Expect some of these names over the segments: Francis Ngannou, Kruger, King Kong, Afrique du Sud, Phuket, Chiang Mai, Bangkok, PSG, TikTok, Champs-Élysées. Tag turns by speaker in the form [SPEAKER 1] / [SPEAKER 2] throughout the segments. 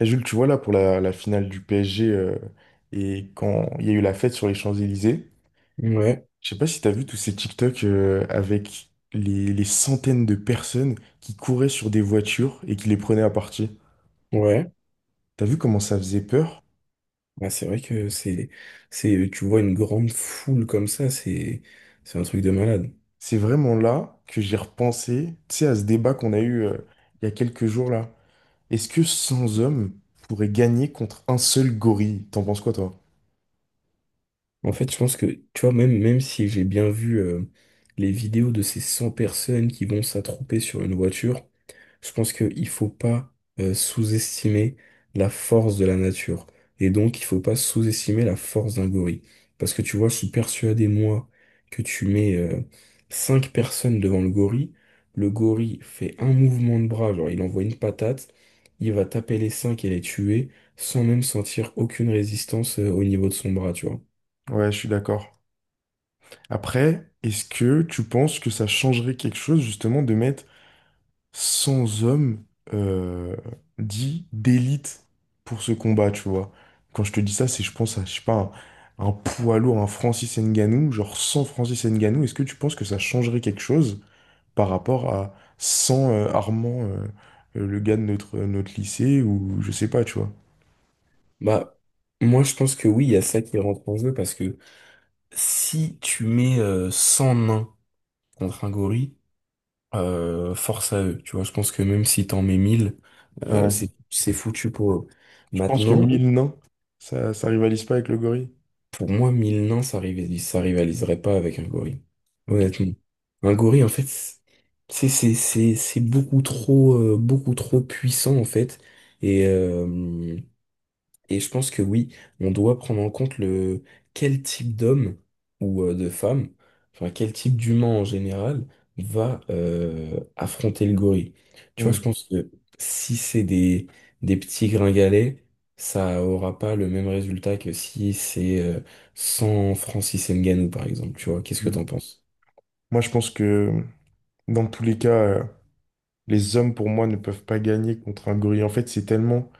[SPEAKER 1] Et Jules, tu vois là pour la finale du PSG, et quand il y a eu la fête sur les Champs-Élysées,
[SPEAKER 2] Ouais,
[SPEAKER 1] je sais pas si t'as vu tous ces TikTok, avec les centaines de personnes qui couraient sur des voitures et qui les prenaient à partie.
[SPEAKER 2] ouais.
[SPEAKER 1] T'as vu comment ça faisait peur?
[SPEAKER 2] Ouais, c'est vrai que tu vois, une grande foule comme ça, c'est un truc de malade.
[SPEAKER 1] C'est vraiment là que j'ai repensé, tu sais, à ce débat qu'on a eu, il y a quelques jours là. Est-ce que 100 hommes pourraient gagner contre un seul gorille? T'en penses quoi toi?
[SPEAKER 2] En fait, je pense que, tu vois, même si j'ai bien vu les vidéos de ces 100 personnes qui vont s'attrouper sur une voiture. Je pense qu'il ne faut pas sous-estimer la force de la nature. Et donc, il faut pas sous-estimer la force d'un gorille. Parce que tu vois, je suis persuadé, moi, que tu mets cinq personnes devant le gorille. Le gorille fait un mouvement de bras, genre il envoie une patate. Il va taper les cinq et les tuer sans même sentir aucune résistance au niveau de son bras, tu vois.
[SPEAKER 1] Ouais, je suis d'accord. Après, est-ce que tu penses que ça changerait quelque chose justement de mettre sans homme, euh, dit d'élite pour ce combat, tu vois. Quand je te dis ça, c'est je pense à, je sais pas, un poids lourd, un Francis Ngannou, genre sans Francis Ngannou, est-ce que tu penses que ça changerait quelque chose par rapport à sans Armand, le gars de notre lycée, ou je sais pas, tu vois.
[SPEAKER 2] Bah, moi, je pense que oui, il y a ça qui rentre en jeu, parce que si tu mets 100 nains contre un gorille, force à eux. Tu vois, je pense que même si t'en mets 1000,
[SPEAKER 1] Ouais.
[SPEAKER 2] c'est foutu pour eux.
[SPEAKER 1] Tu penses que
[SPEAKER 2] Maintenant,
[SPEAKER 1] mille nains, ça rivalise pas avec le gorille?
[SPEAKER 2] pour moi, 1000 nains, ça rivaliserait pas avec un gorille.
[SPEAKER 1] Ok.
[SPEAKER 2] Honnêtement. Un gorille, en fait, c'est beaucoup trop puissant en fait. Et euh, Et je pense que oui, on doit prendre en compte le quel type d'homme ou de femme, enfin quel type d'humain en général va affronter le gorille. Tu vois, je
[SPEAKER 1] Hmm,
[SPEAKER 2] pense que si c'est des petits gringalets, ça aura pas le même résultat que si c'est sans Francis Ngannou, par exemple. Tu vois, qu'est-ce que
[SPEAKER 1] hmm.
[SPEAKER 2] t'en penses?
[SPEAKER 1] Moi, je pense que dans tous les cas, les hommes, pour moi, ne peuvent pas gagner contre un gorille. En fait, c'est tellement,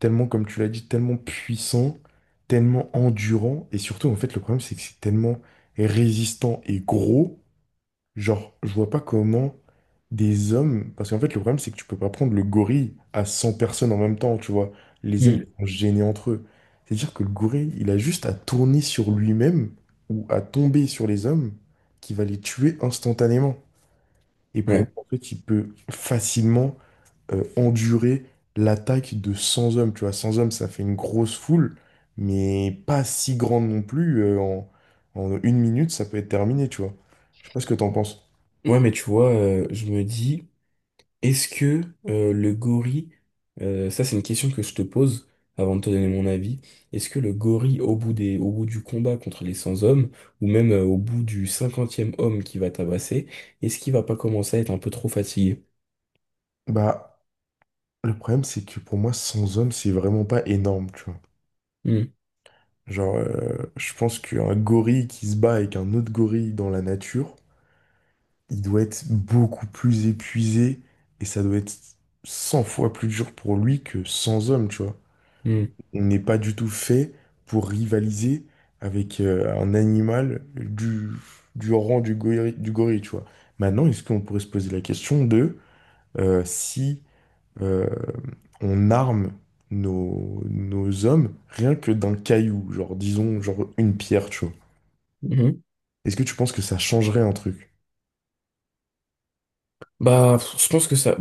[SPEAKER 1] tellement, comme tu l'as dit, tellement puissant, tellement endurant. Et surtout, en fait, le problème, c'est que c'est tellement résistant et gros. Genre, je vois pas comment des hommes. Parce qu'en fait, le problème, c'est que tu peux pas prendre le gorille à 100 personnes en même temps, tu vois. Les hommes,
[SPEAKER 2] Hmm.
[SPEAKER 1] ils sont gênés entre eux. C'est-à-dire que le gorille, il a juste à tourner sur lui-même ou à tomber sur les hommes qui va les tuer instantanément. Et pour moi,
[SPEAKER 2] Ouais.
[SPEAKER 1] en fait, il peut facilement endurer l'attaque de 100 hommes. Tu vois, 100 hommes, ça fait une grosse foule, mais pas si grande non plus. En une minute, ça peut être terminé, tu vois. Je sais pas ce que t'en penses.
[SPEAKER 2] Ouais, mais tu vois, je me dis. Est-ce que le gorille, ça c'est une question que je te pose avant de te donner mon avis, est-ce que le gorille au bout du combat contre les 100 hommes, ou même au bout du cinquantième homme qui va tabasser, est-ce qu'il va pas commencer à être un peu trop fatigué?
[SPEAKER 1] Bah, le problème, c'est que pour moi, 100 hommes, c'est vraiment pas énorme, tu vois.
[SPEAKER 2] Hmm,
[SPEAKER 1] Genre, je pense qu'un gorille qui se bat avec un autre gorille dans la nature, il doit être beaucoup plus épuisé et ça doit être 100 fois plus dur pour lui que 100 hommes, tu vois.
[SPEAKER 2] hmm,
[SPEAKER 1] On n'est pas du tout fait pour rivaliser avec un animal du rang du gorille, tu vois. Maintenant, est-ce qu'on pourrait se poser la question de, si, euh, on arme nos hommes rien que d'un caillou, genre disons, genre une pierre, tu vois.
[SPEAKER 2] hmm.
[SPEAKER 1] Est-ce que tu penses que ça changerait un truc?
[SPEAKER 2] Bah, je pense que ça...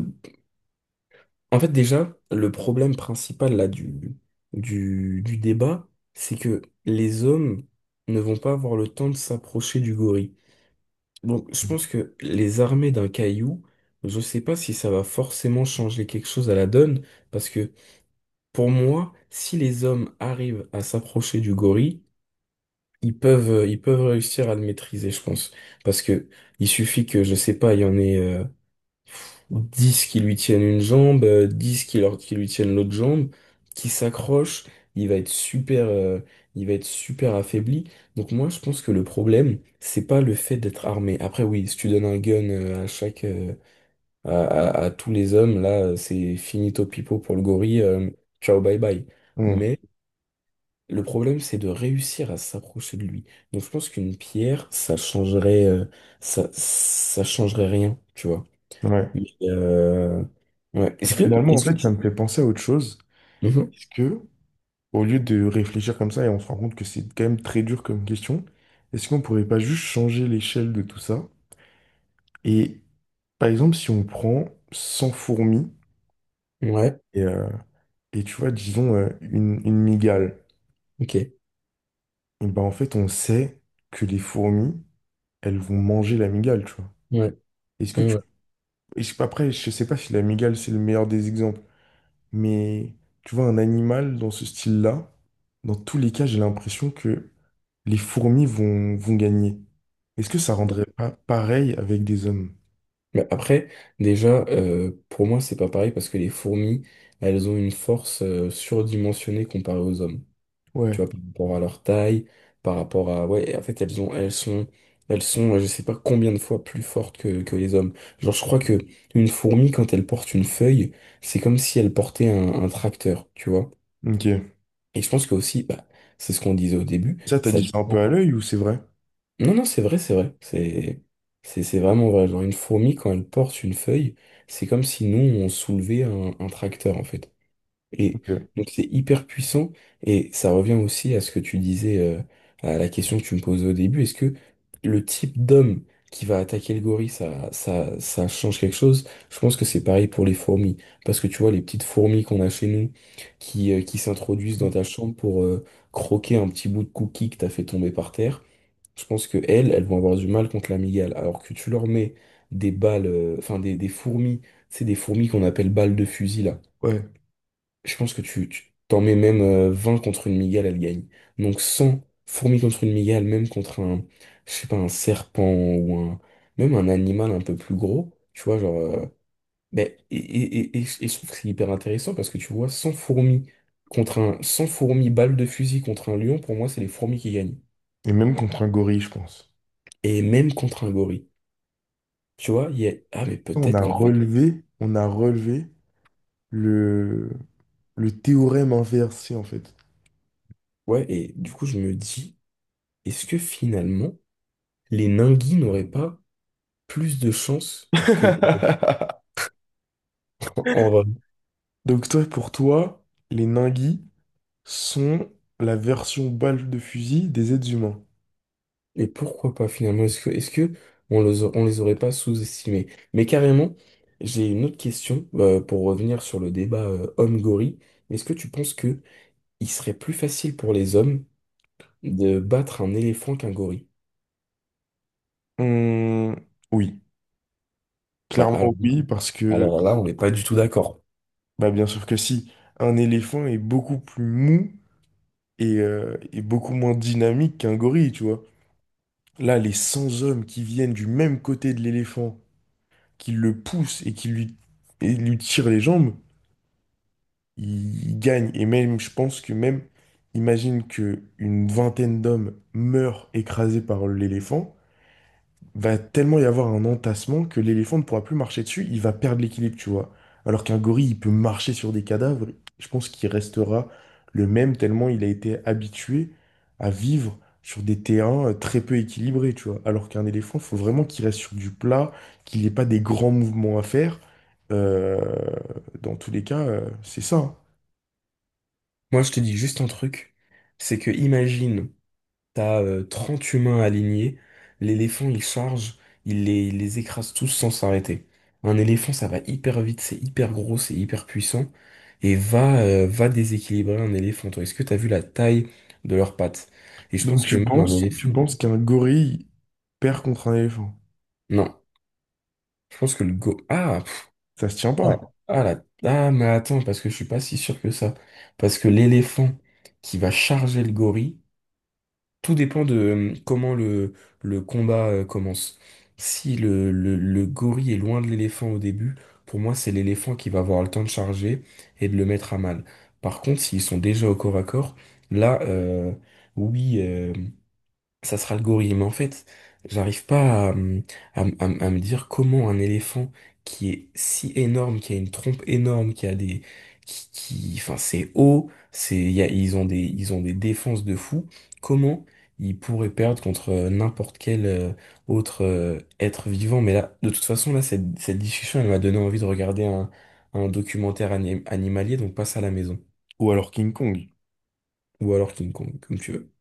[SPEAKER 2] En fait déjà, le problème principal là du débat, c'est que les hommes ne vont pas avoir le temps de s'approcher du gorille. Donc, je pense que les armées d'un caillou, je sais pas si ça va forcément changer quelque chose à la donne, parce que pour moi, si les hommes arrivent à s'approcher du gorille, ils peuvent réussir à le maîtriser, je pense. Parce que il suffit que, je sais pas, il y en ait 10 qui lui tiennent une jambe, 10 qui lui tiennent l'autre jambe, qui s'accroche, il va être super, il va être super affaibli. Donc moi, je pense que le problème, c'est pas le fait d'être armé. Après, oui, si tu donnes un gun à chaque, à tous les hommes, là, c'est finito pipo pour le gorille, ciao bye bye.
[SPEAKER 1] Hmm,
[SPEAKER 2] Mais le problème, c'est de réussir à s'approcher de lui. Donc je pense qu'une pierre, ça changerait, ça changerait rien, tu vois.
[SPEAKER 1] ouais.
[SPEAKER 2] Mais, ouais.
[SPEAKER 1] Et finalement, en
[SPEAKER 2] Est-ce que
[SPEAKER 1] fait, ça
[SPEAKER 2] tu...
[SPEAKER 1] me fait penser à autre chose.
[SPEAKER 2] Mhm.
[SPEAKER 1] Est-ce que au lieu de réfléchir comme ça, et on se rend compte que c'est quand même très dur comme question, est-ce qu'on pourrait pas juste changer l'échelle de tout ça? Et par exemple, si on prend 100 fourmis
[SPEAKER 2] Ouais,
[SPEAKER 1] et, euh, et tu vois, disons, une migale,
[SPEAKER 2] ok.
[SPEAKER 1] et ben en fait, on sait que les fourmis, elles vont manger la migale, tu vois.
[SPEAKER 2] Ouais,
[SPEAKER 1] Est-ce que
[SPEAKER 2] ouais,
[SPEAKER 1] tu,
[SPEAKER 2] ouais.
[SPEAKER 1] est-ce que, après, je sais pas si la migale, c'est le meilleur des exemples, mais tu vois, un animal dans ce style-là, dans tous les cas, j'ai l'impression que les fourmis vont gagner. Est-ce que ça
[SPEAKER 2] Bon.
[SPEAKER 1] rendrait pas pareil avec des hommes?
[SPEAKER 2] Bah, après, déjà, pour moi, c'est pas pareil parce que les fourmis, elles ont une force surdimensionnée comparée aux hommes. Tu
[SPEAKER 1] Ouais,
[SPEAKER 2] vois, par rapport à leur taille, par rapport à... Ouais, en fait, elles ont, elles sont, je sais pas combien de fois plus fortes que les hommes. Genre, je crois que une fourmi, quand elle porte une feuille, c'est comme si elle portait un tracteur, tu vois.
[SPEAKER 1] ok.
[SPEAKER 2] Et je pense que aussi, bah, c'est ce qu'on disait au début,
[SPEAKER 1] Ça, t'as
[SPEAKER 2] ça
[SPEAKER 1] dit ça un peu
[SPEAKER 2] dépend.
[SPEAKER 1] à l'œil ou c'est vrai?
[SPEAKER 2] Non, non, c'est vrai, c'est vrai. C'est vraiment vrai. Genre, une fourmi, quand elle porte une feuille, c'est comme si nous, on soulevait un tracteur, en fait. Et
[SPEAKER 1] Ok.
[SPEAKER 2] donc, c'est hyper puissant. Et ça revient aussi à ce que tu disais, à la question que tu me posais au début. Est-ce que le type d'homme qui va attaquer le gorille, ça change quelque chose? Je pense que c'est pareil pour les fourmis. Parce que tu vois, les petites fourmis qu'on a chez nous, qui s'introduisent dans ta chambre pour, croquer un petit bout de cookie que t'as fait tomber par terre. Je pense que elles, elles vont avoir du mal contre l'amygale. Alors que tu leur mets des balles, enfin des fourmis, c'est des fourmis qu'on appelle balles de fusil là.
[SPEAKER 1] Ouais.
[SPEAKER 2] Je pense que tu t'en mets même 20 contre une migale, elle gagne. Donc 100 fourmis contre une migale, même contre un, je sais pas, un serpent ou un, même un animal un peu plus gros, tu vois, genre. Et je trouve que c'est hyper intéressant parce que tu vois, 100 fourmis balles de fusil contre un lion, pour moi, c'est les fourmis qui gagnent.
[SPEAKER 1] Et même contre un gorille, je pense.
[SPEAKER 2] Et même contre un gorille. Tu vois, il y a... Ah, mais
[SPEAKER 1] On
[SPEAKER 2] peut-être
[SPEAKER 1] a
[SPEAKER 2] qu'en fait...
[SPEAKER 1] relevé, on a relevé le, le théorème inversé, en fait.
[SPEAKER 2] Ouais, et du coup, je me dis, est-ce que finalement, les Ningui n'auraient pas plus de chances que les... En vrai.
[SPEAKER 1] Donc toi, pour toi, les ninguis sont la version balle de fusil des êtres humains.
[SPEAKER 2] Et pourquoi pas, finalement? Est-ce que on les, a- on les aurait pas sous-estimés? Mais carrément, j'ai une autre question, pour revenir sur le débat, homme-gorille. Est-ce que tu penses que il serait plus facile pour les hommes de battre un éléphant qu'un gorille?
[SPEAKER 1] Hum, oui,
[SPEAKER 2] Bah,
[SPEAKER 1] clairement oui, parce que
[SPEAKER 2] alors là, on n'est pas du tout d'accord.
[SPEAKER 1] bah bien sûr que si, un éléphant est beaucoup plus mou et beaucoup moins dynamique qu'un gorille, tu vois. Là, les 100 hommes qui viennent du même côté de l'éléphant, qui le poussent et et lui tirent les jambes, ils gagnent. Et même, je pense que même, imagine que une vingtaine d'hommes meurent écrasés par l'éléphant. Va tellement y avoir un entassement que l'éléphant ne pourra plus marcher dessus, il va perdre l'équilibre, tu vois. Alors qu'un gorille, il peut marcher sur des cadavres, je pense qu'il restera le même tellement il a été habitué à vivre sur des terrains, très peu équilibrés, tu vois. Alors qu'un éléphant, il faut vraiment qu'il reste sur du plat, qu'il n'ait pas des grands mouvements à faire. Euh, dans tous les cas, c'est ça, hein.
[SPEAKER 2] Moi, je te dis juste un truc, c'est que imagine... T'as 30 humains alignés. L'éléphant, il charge, il les écrase tous sans s'arrêter. Un éléphant, ça va hyper vite, c'est hyper gros, c'est hyper puissant. Et va, déséquilibrer un éléphant. Toi, est-ce que t'as vu la taille de leurs pattes? Et je
[SPEAKER 1] Donc
[SPEAKER 2] pense que même un
[SPEAKER 1] tu
[SPEAKER 2] éléphant.
[SPEAKER 1] penses qu'un gorille perd contre un éléphant?
[SPEAKER 2] Non. Je pense que le go. Ah, pff,
[SPEAKER 1] Ça se tient
[SPEAKER 2] ah,
[SPEAKER 1] pas.
[SPEAKER 2] ah, la- ah, mais attends, parce que je suis pas si sûr que ça. Parce que l'éléphant qui va charger le gorille, tout dépend de comment le combat commence. Si le gorille est loin de l'éléphant au début, pour moi, c'est l'éléphant qui va avoir le temps de charger et de le mettre à mal. Par contre, s'ils sont déjà au corps à corps, là, oui. Ça sera le gorille. Mais en fait, j'arrive pas à, me- à, me à me- à me dire comment un éléphant qui est si énorme, qui a une trompe énorme, qui a des, enfin, c'est haut, c'est, il y a- ils ont des défenses de fou. Comment ils pourraient perdre contre n'importe quel autre être vivant? Mais là, de toute façon, là, cette discussion, elle m'a donné envie de regarder un documentaire animalier, donc passe à la maison.
[SPEAKER 1] Ou alors King Kong.
[SPEAKER 2] Ou alors King Kong, comme tu veux.